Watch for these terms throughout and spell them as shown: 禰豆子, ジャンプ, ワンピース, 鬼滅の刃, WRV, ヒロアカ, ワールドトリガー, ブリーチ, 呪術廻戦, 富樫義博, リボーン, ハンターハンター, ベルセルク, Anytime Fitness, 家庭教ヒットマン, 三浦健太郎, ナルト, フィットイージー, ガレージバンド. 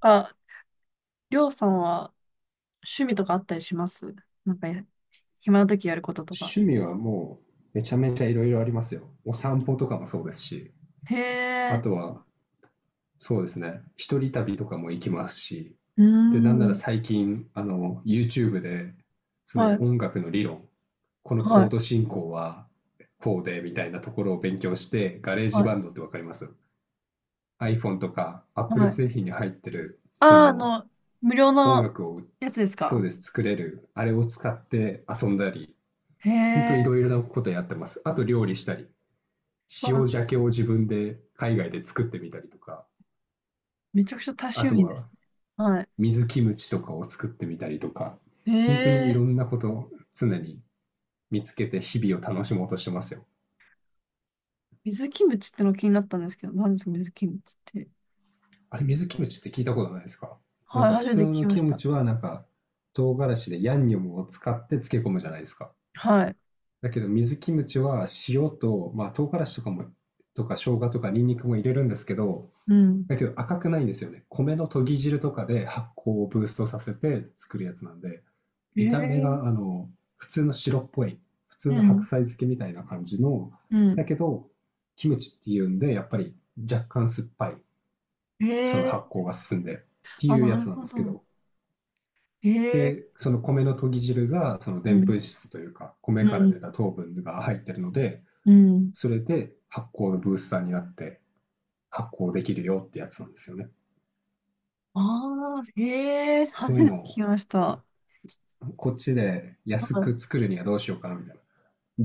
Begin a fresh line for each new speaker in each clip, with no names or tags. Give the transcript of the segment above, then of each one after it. あ、りょうさんは趣味とかあったりします？なんかや、暇な時やることとか。
趣味はもうめちゃめちゃいろいろありますよ。お散歩とかもそうですし、
へ
あ
え。
とはそうですね、一人旅とかも行きますし、
うー
で、なんなら
ん。
最近、YouTube で、そ
は
の
い。
音楽の理論、この
は
コード
い。
進行はこうで、みたいなところを勉強して、ガレー
は
ジバ
い。
ンドってわかります？ iPhone とか Apple
はい。
製品に入ってる、そ
ああ、あ
の
の、無料
音
の
楽を、
やつです
そう
か？
です、作れる、あれを使って遊んだり、
へ
本当いろ
え。
いろなことやってます。あと料理したり。塩
わ、
鮭を自分で海外で作ってみたりとか、
めちゃくちゃ多
あ
趣
と
味で
は
すね。はい。
水キムチとかを作ってみたりとか、
へ
本当にいろ
え、
んなことを常に見つけて日々を楽しもうとしてますよ。
水キムチっての気になったんですけど、何ですか、水キムチって。
あれ、水キムチって聞いたことないですか？なん
はい、
か普
初めて
通
聞き
の
ま
キ
し
ム
た。
チはなんか唐辛子でヤンニョムを使って漬け込むじゃないですか。
はい。
だけど水キムチは塩と、まあ、唐辛子とかもとか生姜とかニンニクも入れるんですけど、
うん。
だけど赤くないんですよね。米の研ぎ汁とかで発酵をブーストさせて作るやつなんで、
へ
炒め
え。
があの普通の白っぽい、普通
う
の白
ん。
菜漬けみたいな感じの、
うん。
だけど、キムチっていうんで、やっぱり若干酸っぱい、
へ
その
え。
発酵が進んでって
あ、
いう
な
や
る
つなん
ほ
ですけ
ど。
ど、
へえ。
で、その米の研ぎ汁が、そので
う
ん
ん。
ぷん質というか、米
う
から出
ん。
た糖分が入ってるので、
うん。
それで発酵のブースターになって発酵できるよってやつなんですよね。
ああ、へえ、
そ
初
ういう
め
の
て聞
を
きました。
こっちで
なん
安
か、
く作るにはどうしようかなみたいな。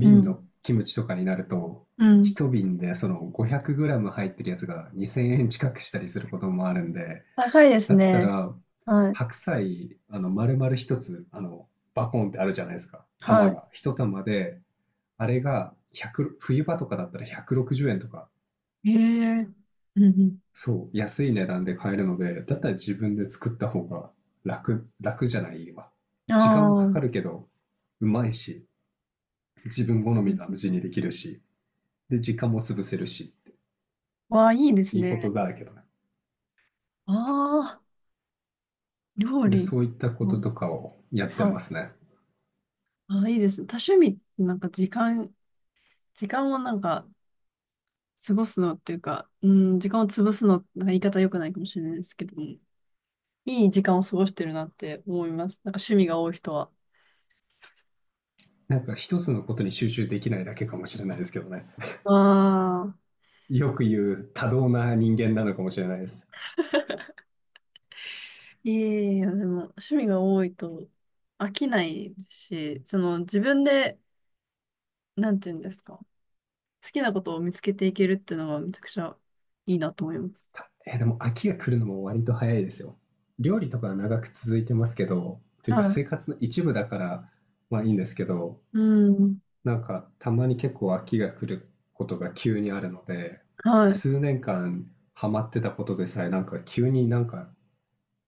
うん。
のキムチとかになると、
うん。
一瓶でその 500g 入ってるやつが2000円近くしたりすることもあるんで、
高いです
だった
ね。
ら、
はい。
白菜、丸々一つ、バコンってあるじゃないですか。玉
は
が。一玉で、あれが1冬場とかだったら160円とか、
い。へえ。うんう
そう、安い値段で買えるので、だったら自分で作った方が楽じゃないわ。
ん。
時間はか
あ
か
あ、
るけど、うまいし、自分好み
で
が無
す、
事にできるし、で、時間も潰せるし、
わあ、いいです
いいこ
ね。
とだらけだね。
ああ、料
で、
理。
そういったこ
う
と
ん。
とかをやって
はい。
ますね。
ああ、いいですね。多趣味ってなんか時間、時間をなんか過ごすのっていうか、うん、時間を潰すの、なんか言い方良くないかもしれないですけども、いい時間を過ごしてるなって思います。なんか趣味が多い人は。
なんか一つのことに集中できないだけかもしれないですけどね。
わあ、
よく言う多動な人間なのかもしれないです。
いえいえ、でも趣味が多いと飽きないし、その自分で、なんていうんですか、好きなことを見つけていけるっていうのがめちゃくちゃいいなと思います。
でも秋が来るのも割と早いですよ。料理とかは長く続いてますけど、という
は
か
い。
生活の一部だから、まあいいんですけど、
うん。
なんか、たまに結構飽きが来ることが急にあるので、
はい。
数年間ハマってたことでさえ、なんか急になんか、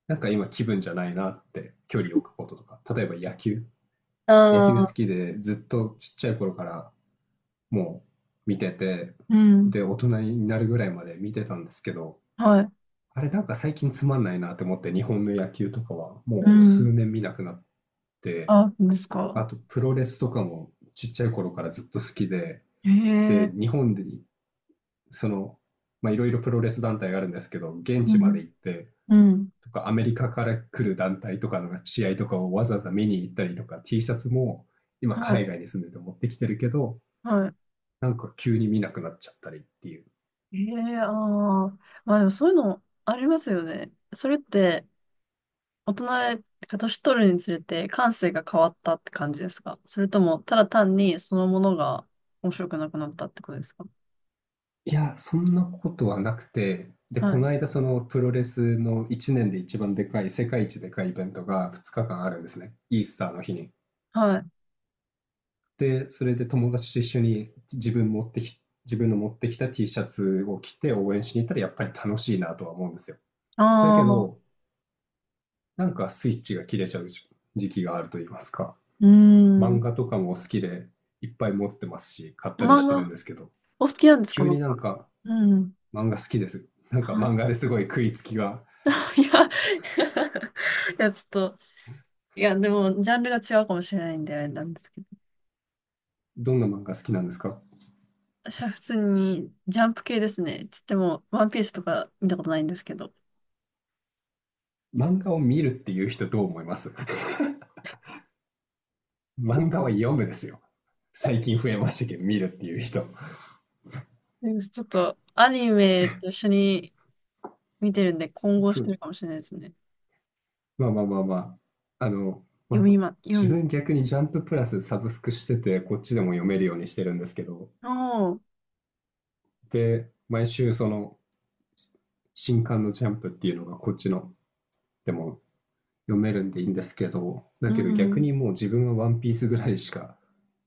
なんか今気分じゃないなって距離を置くこととか、例えば野球。野
あ
球
あ。
好きでずっとちっちゃい頃からもう見てて、
うん。
で、大人になるぐらいまで見てたんですけど、
はい。
あれなんか最近つまんないなって思って日本の野球とかは
う
もう
ん。
数年見なくなって、
あ、そうですか。
あとプロレスとかもちっちゃい頃からずっと好きで、
へ
で、
え。
日本でその、まあ、いろいろプロレス団体があるんですけど、現
う
地まで
ん。
行って、
うん。
とか、アメリカから来る団体とかの試合とかをわざわざ見に行ったりとか、T シャツも今
はい。
海外に住んでて持ってきてるけど、
は
なんか急に見なくなっちゃったりっていう。
い。へえ、ああ。まあでもそういうのありますよね。それって、大人が年取るにつれて感性が変わったって感じですか？それとも、ただ単にそのものが面白くなくなったってことですか？
いや、そんなことはなくて、で、
は
こ
い。
の間そのプロレスの1年で一番でかい、世界一でかいイベントが2日間あるんですね。イースターの日に。
はい。
で、それで友達と一緒に自分持ってき、自分の持ってきた T シャツを着て応援しに行ったらやっぱり楽しいなとは思うんですよ。だ
あ
け
あ。
ど、なんかスイッチが切れちゃう時期があると言いますか。
うー
漫
ん。
画とかも好きでいっぱい持ってますし、買ったり
漫
してるん
画、
ですけど、
お好きなんですか、
急に
漫
なん
画。
か
うん。
漫画好きです。なんか
は
漫画ですごい食いつきが。
い。いや、いや、ちょっと、いや、でも、ジャンルが違うかもしれないんで、あれなんですけど。
どんな漫画好きなんですか？
私は普通に、ジャンプ系ですね。つっても、ワンピースとか見たことないんですけど。
漫画を見るっていう人どう思います？ 漫画は読むですよ。最近増えましたけど、見るっていう人。
でもちょっと、アニメと一緒に見てるんで、混合し
そ
て
う、
るかもしれないですね。
まあまあまあまあ。あの、ま
読
あ、
みま、読
自
ん、
分逆にジャンププラスサブスクしてて、こっちでも読めるようにしてるんですけど、
おー。
で、毎週その新刊のジャンプっていうのがこっちのでも読めるんでいいんですけど、だ
う
けど逆に
ん。
もう自分はワンピースぐらいしか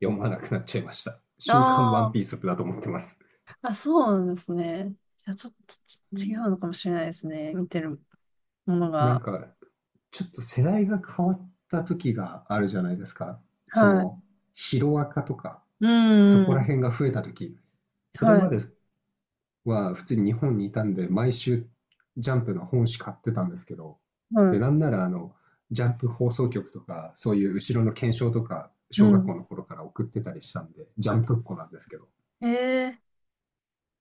読まなくなっちゃいました。
あ
週刊ワンピー
ー、
スだと思ってます。
あ、そうなんですね。じゃあ、ちょっと違うのかもしれないですね。見てるもの
なん
が。
か、ちょっと世代が変わった時があるじゃないですか。そ
はい。
の、ヒロアカとか、
う
そ
ん、
こ
う
ら
ん。
辺が増えた時、それ
は
ま
い、
では普通に日本にいたんで、毎週ジャンプの本誌買ってたんですけど、
は
で、
い、
なんならジャンプ放送局とか、そういう後ろの検証とか、
う
小学
ん。
校の頃から送ってたりしたんで、ジャンプっ子なんですけど、
ええ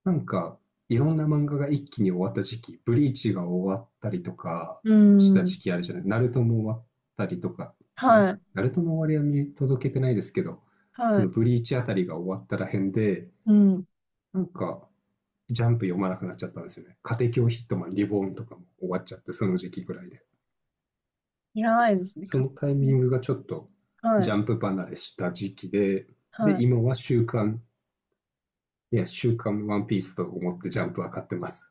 なんか、いろんな漫画が一気に終わった時期、ブリーチが終わったりとか
ー、う
した時
ん。
期あるじゃない、ナルトも終わったりとか、
は
な
い、
ナルトの終わりは見届けてないですけど、
は
その
い、
ブリーチあたりが終わったらへんで、
うん。
なんか、ジャンプ読まなくなっちゃったんですよね。家庭教ヒットマン、リボーンとかも終わっちゃって、その時期ぐらいで。
いらないですね。
そ
勝
のタイ
手
ミ
に、
ングがちょっと
は
ジ
い、
ャンプ離れした時期で、で、
はい。
今は週刊ワンピースと思ってジャンプは買ってます。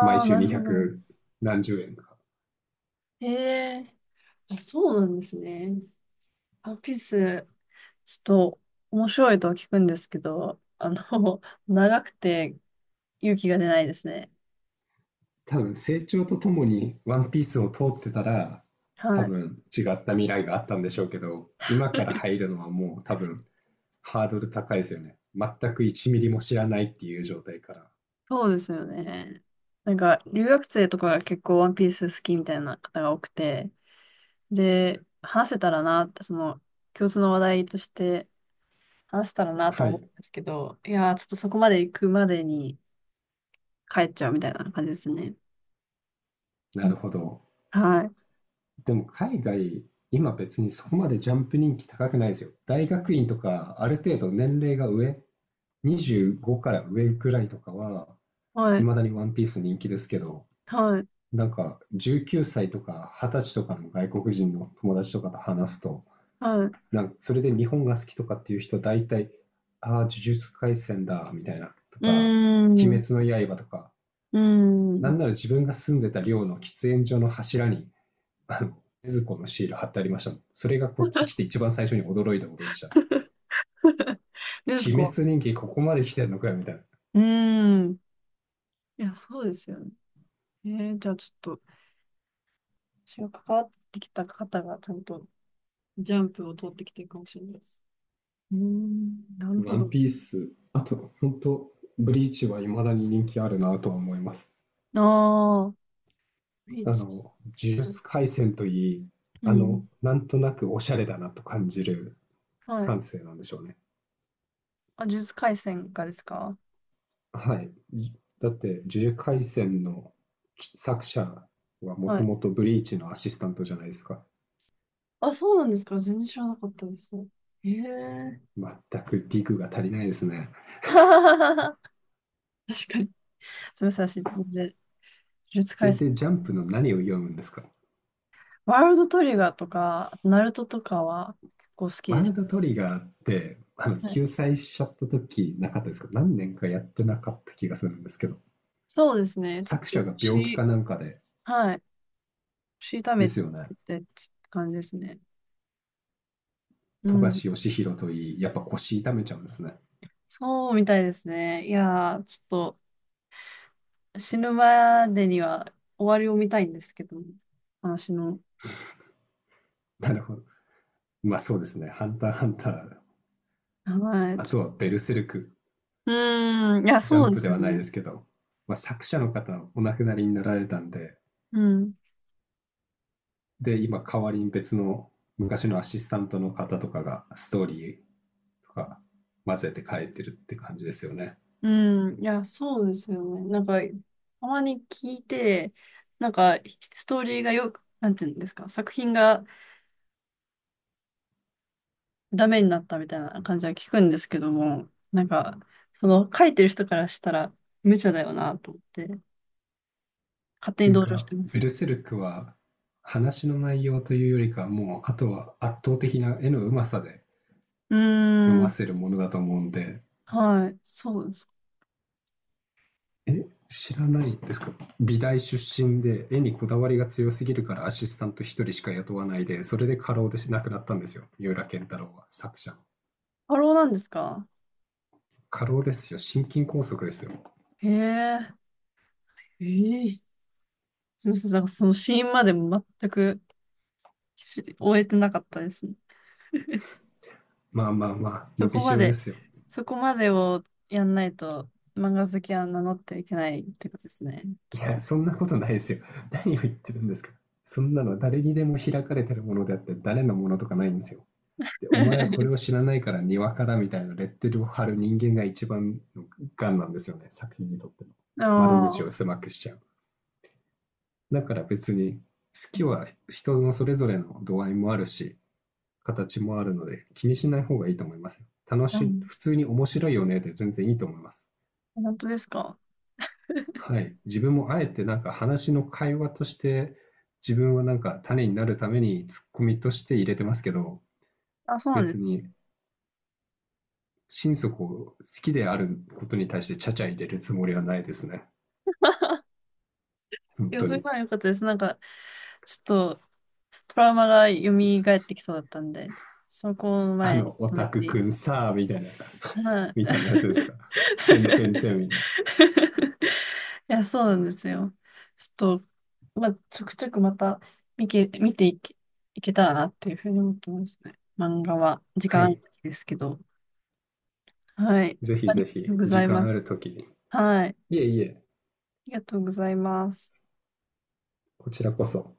毎
あ、
週
なるほど。
200何十円か。
ええー、あ、そうなんですね。ワンピース。ちょっと面白いとは聞くんですけど、あの、長くて勇気が出ないですね。
多分成長とともにワンピースを通ってたら、多
はい。
分違った未来があったんでしょうけど、今から入るのはもう多分ハードル高いですよね。全く1ミリも知らないっていう状態から。
そうですよね。なんか、留学生とかが結構ワンピース好きみたいな方が多くて、で、話せたらなって、その、共通の話題として話せたらなと
は
思っ
い、
たんですけど、いやー、ちょっとそこまで行くまでに帰っちゃうみたいな感じですね。う
な
ん、
るほど。
はい。
でも海外、今別にそこまでジャンプ人気高くないですよ。大学院とか、ある程度年齢が上、25から上くらいとかは、
は
い
い。
まだにワンピース人気ですけど、
はい。
なんか19歳とか20歳とかの外国人の友達とかと話すと、
はい。う
なんかそれで日本が好きとかっていう人大体、ああ、呪術廻戦だ、みたいな、と
ー
か、鬼
ん。
滅の刃とか、
うー
な
ん。
んなら自分が住んでた寮の喫煙所の柱に禰豆子のシール貼ってありましたもん。それがこっち来て一番最初に驚いたことでした。
です
鬼
か？
滅人気ここまで来てんのかよ、みたい
うーん。いや、そうですよね。えー、じゃあちょっと、私が関わってきた方がちゃんとジャンプを通ってきてるかもしれないです。うーん、なる
な。
ほ
ワ
ど。
ンピース、あと、本当ブリーチはいまだに人気あるなとは思います。
ああ、いいで、
呪術廻戦といい、
うん。
なんとなくおしゃれだなと感じる
はい。
感性なんでしょうね。
あ、呪術廻戦がですか？
はい。だって、呪術廻戦の作者はも
は
と
い。
もとブリーチのアシスタントじゃないですか。
あ、そうなんですか。全然知らなかったです。ええ。
全くディグが足りないですね。
確かに。すみません、私、全然、呪術
え、
廻戦。
で、ジャンプの何を読むんですか？
ワールドトリガーとか、ナルトとかは結構好き
ワー
で
ル
し
ドトリガーって、
た。はい。
救済しちゃった時なかったですか？何年かやってなかった気がするんですけど。
そうですね。ちょっ
作
と
者が病気
腰、
かなんかで、
はい。腰痛
で
めて
すよね。
って感じですね。う
富
ん。
樫義博といい、やっぱ腰痛めちゃうんですね。
そうみたいですね。いやー、ちょっと死ぬまでには終わりを見たいんですけど、話の。
なるほど。まあそうですね。ハンターハンター。
はい。
あ
ち
と
ょ、
はベルセルク。
うーん。いや、
ジャ
そう
ン
で
プで
すよ
はない
ね。
ですけど、まあ、作者の方お亡くなりになられたんで、
うん。
で、今代わりに別の昔のアシスタントの方とかがストーリーとか混ぜて書いてるって感じですよね。
うん。いや、そうですよね。なんか、たまに聞いて、なんか、ストーリーがよく、なんていうんですか、作品がダメになったみたいな感じは聞くんですけども、なんか、その書いてる人からしたら無茶だよなと思って。
っ
勝手
て
に
いう
同情し
か、
てま
ベ
す。
ルセルクは話の内容というよりかはもうあとは圧倒的な絵のうまさで
う
読
ー
ま
ん。
せるものだと思うんで、
はい。そうですか。
え、知らないですか？美大出身で絵にこだわりが強すぎるからアシスタント一人しか雇わないで、それで過労で亡くなったんですよ。三浦健太郎は作者の。
過労なんですか？
過労ですよ。心筋梗塞ですよ。
へえ。ええ、すみません。なんかその死因までも全くし終えてなかったですね。
まあまあまあ、
そ
伸び
こ
し
ま
ろで
で、
すよ。
そこまでをやんないと漫画好きは名乗ってはいけないってことですね。
いや、そんなことないですよ。何を言ってるんですか？そんなの誰にでも開かれてるものであって、誰のものとかないんですよ。で、お前はこれを 知らないからにわかだみたいなレッテルを貼る人間が一番の癌なんですよね、作品にとっての。窓口
あ
を狭くしちゃう。だから別に、好きは人のそれぞれの度合いもあるし、形もあるので、気にしない方がいいと思いますよ。楽
あ、う
しい、
ん、
普通に面白いよねで全然いいと思います。
本当ですか。
はい。自分もあえてなんか話の会話として、自分はなんか種になるためにツッコミとして入れてますけど、
あ、そうなんで
別
すね。
に心底好きであることに対してちゃちゃ入れるつもりはないですね。本
いや、
当
それ
に。
は良かったです。なんか、ちょっとトラウマが蘇ってきそうだったんで、そこの
あ
前に
の、オ
止め
タク
て。
くんさあ、みたいな、
はい。
みたいなやつですか。てんてんてんみたいな。
いや、そうなんですよ。ちょっと、まあ、ちょくちょくまた見け、見ていけ、いけたらなっていうふうに思ってますね。漫画は、時
は
間ある
い。
時ですけど。はい。
ぜひ
あり
ぜ
がと
ひ、
うござ
時
い
間
ま
あ
す。
るときに。
はい。あ
いえいえ、
りがとうございます。
こちらこそ。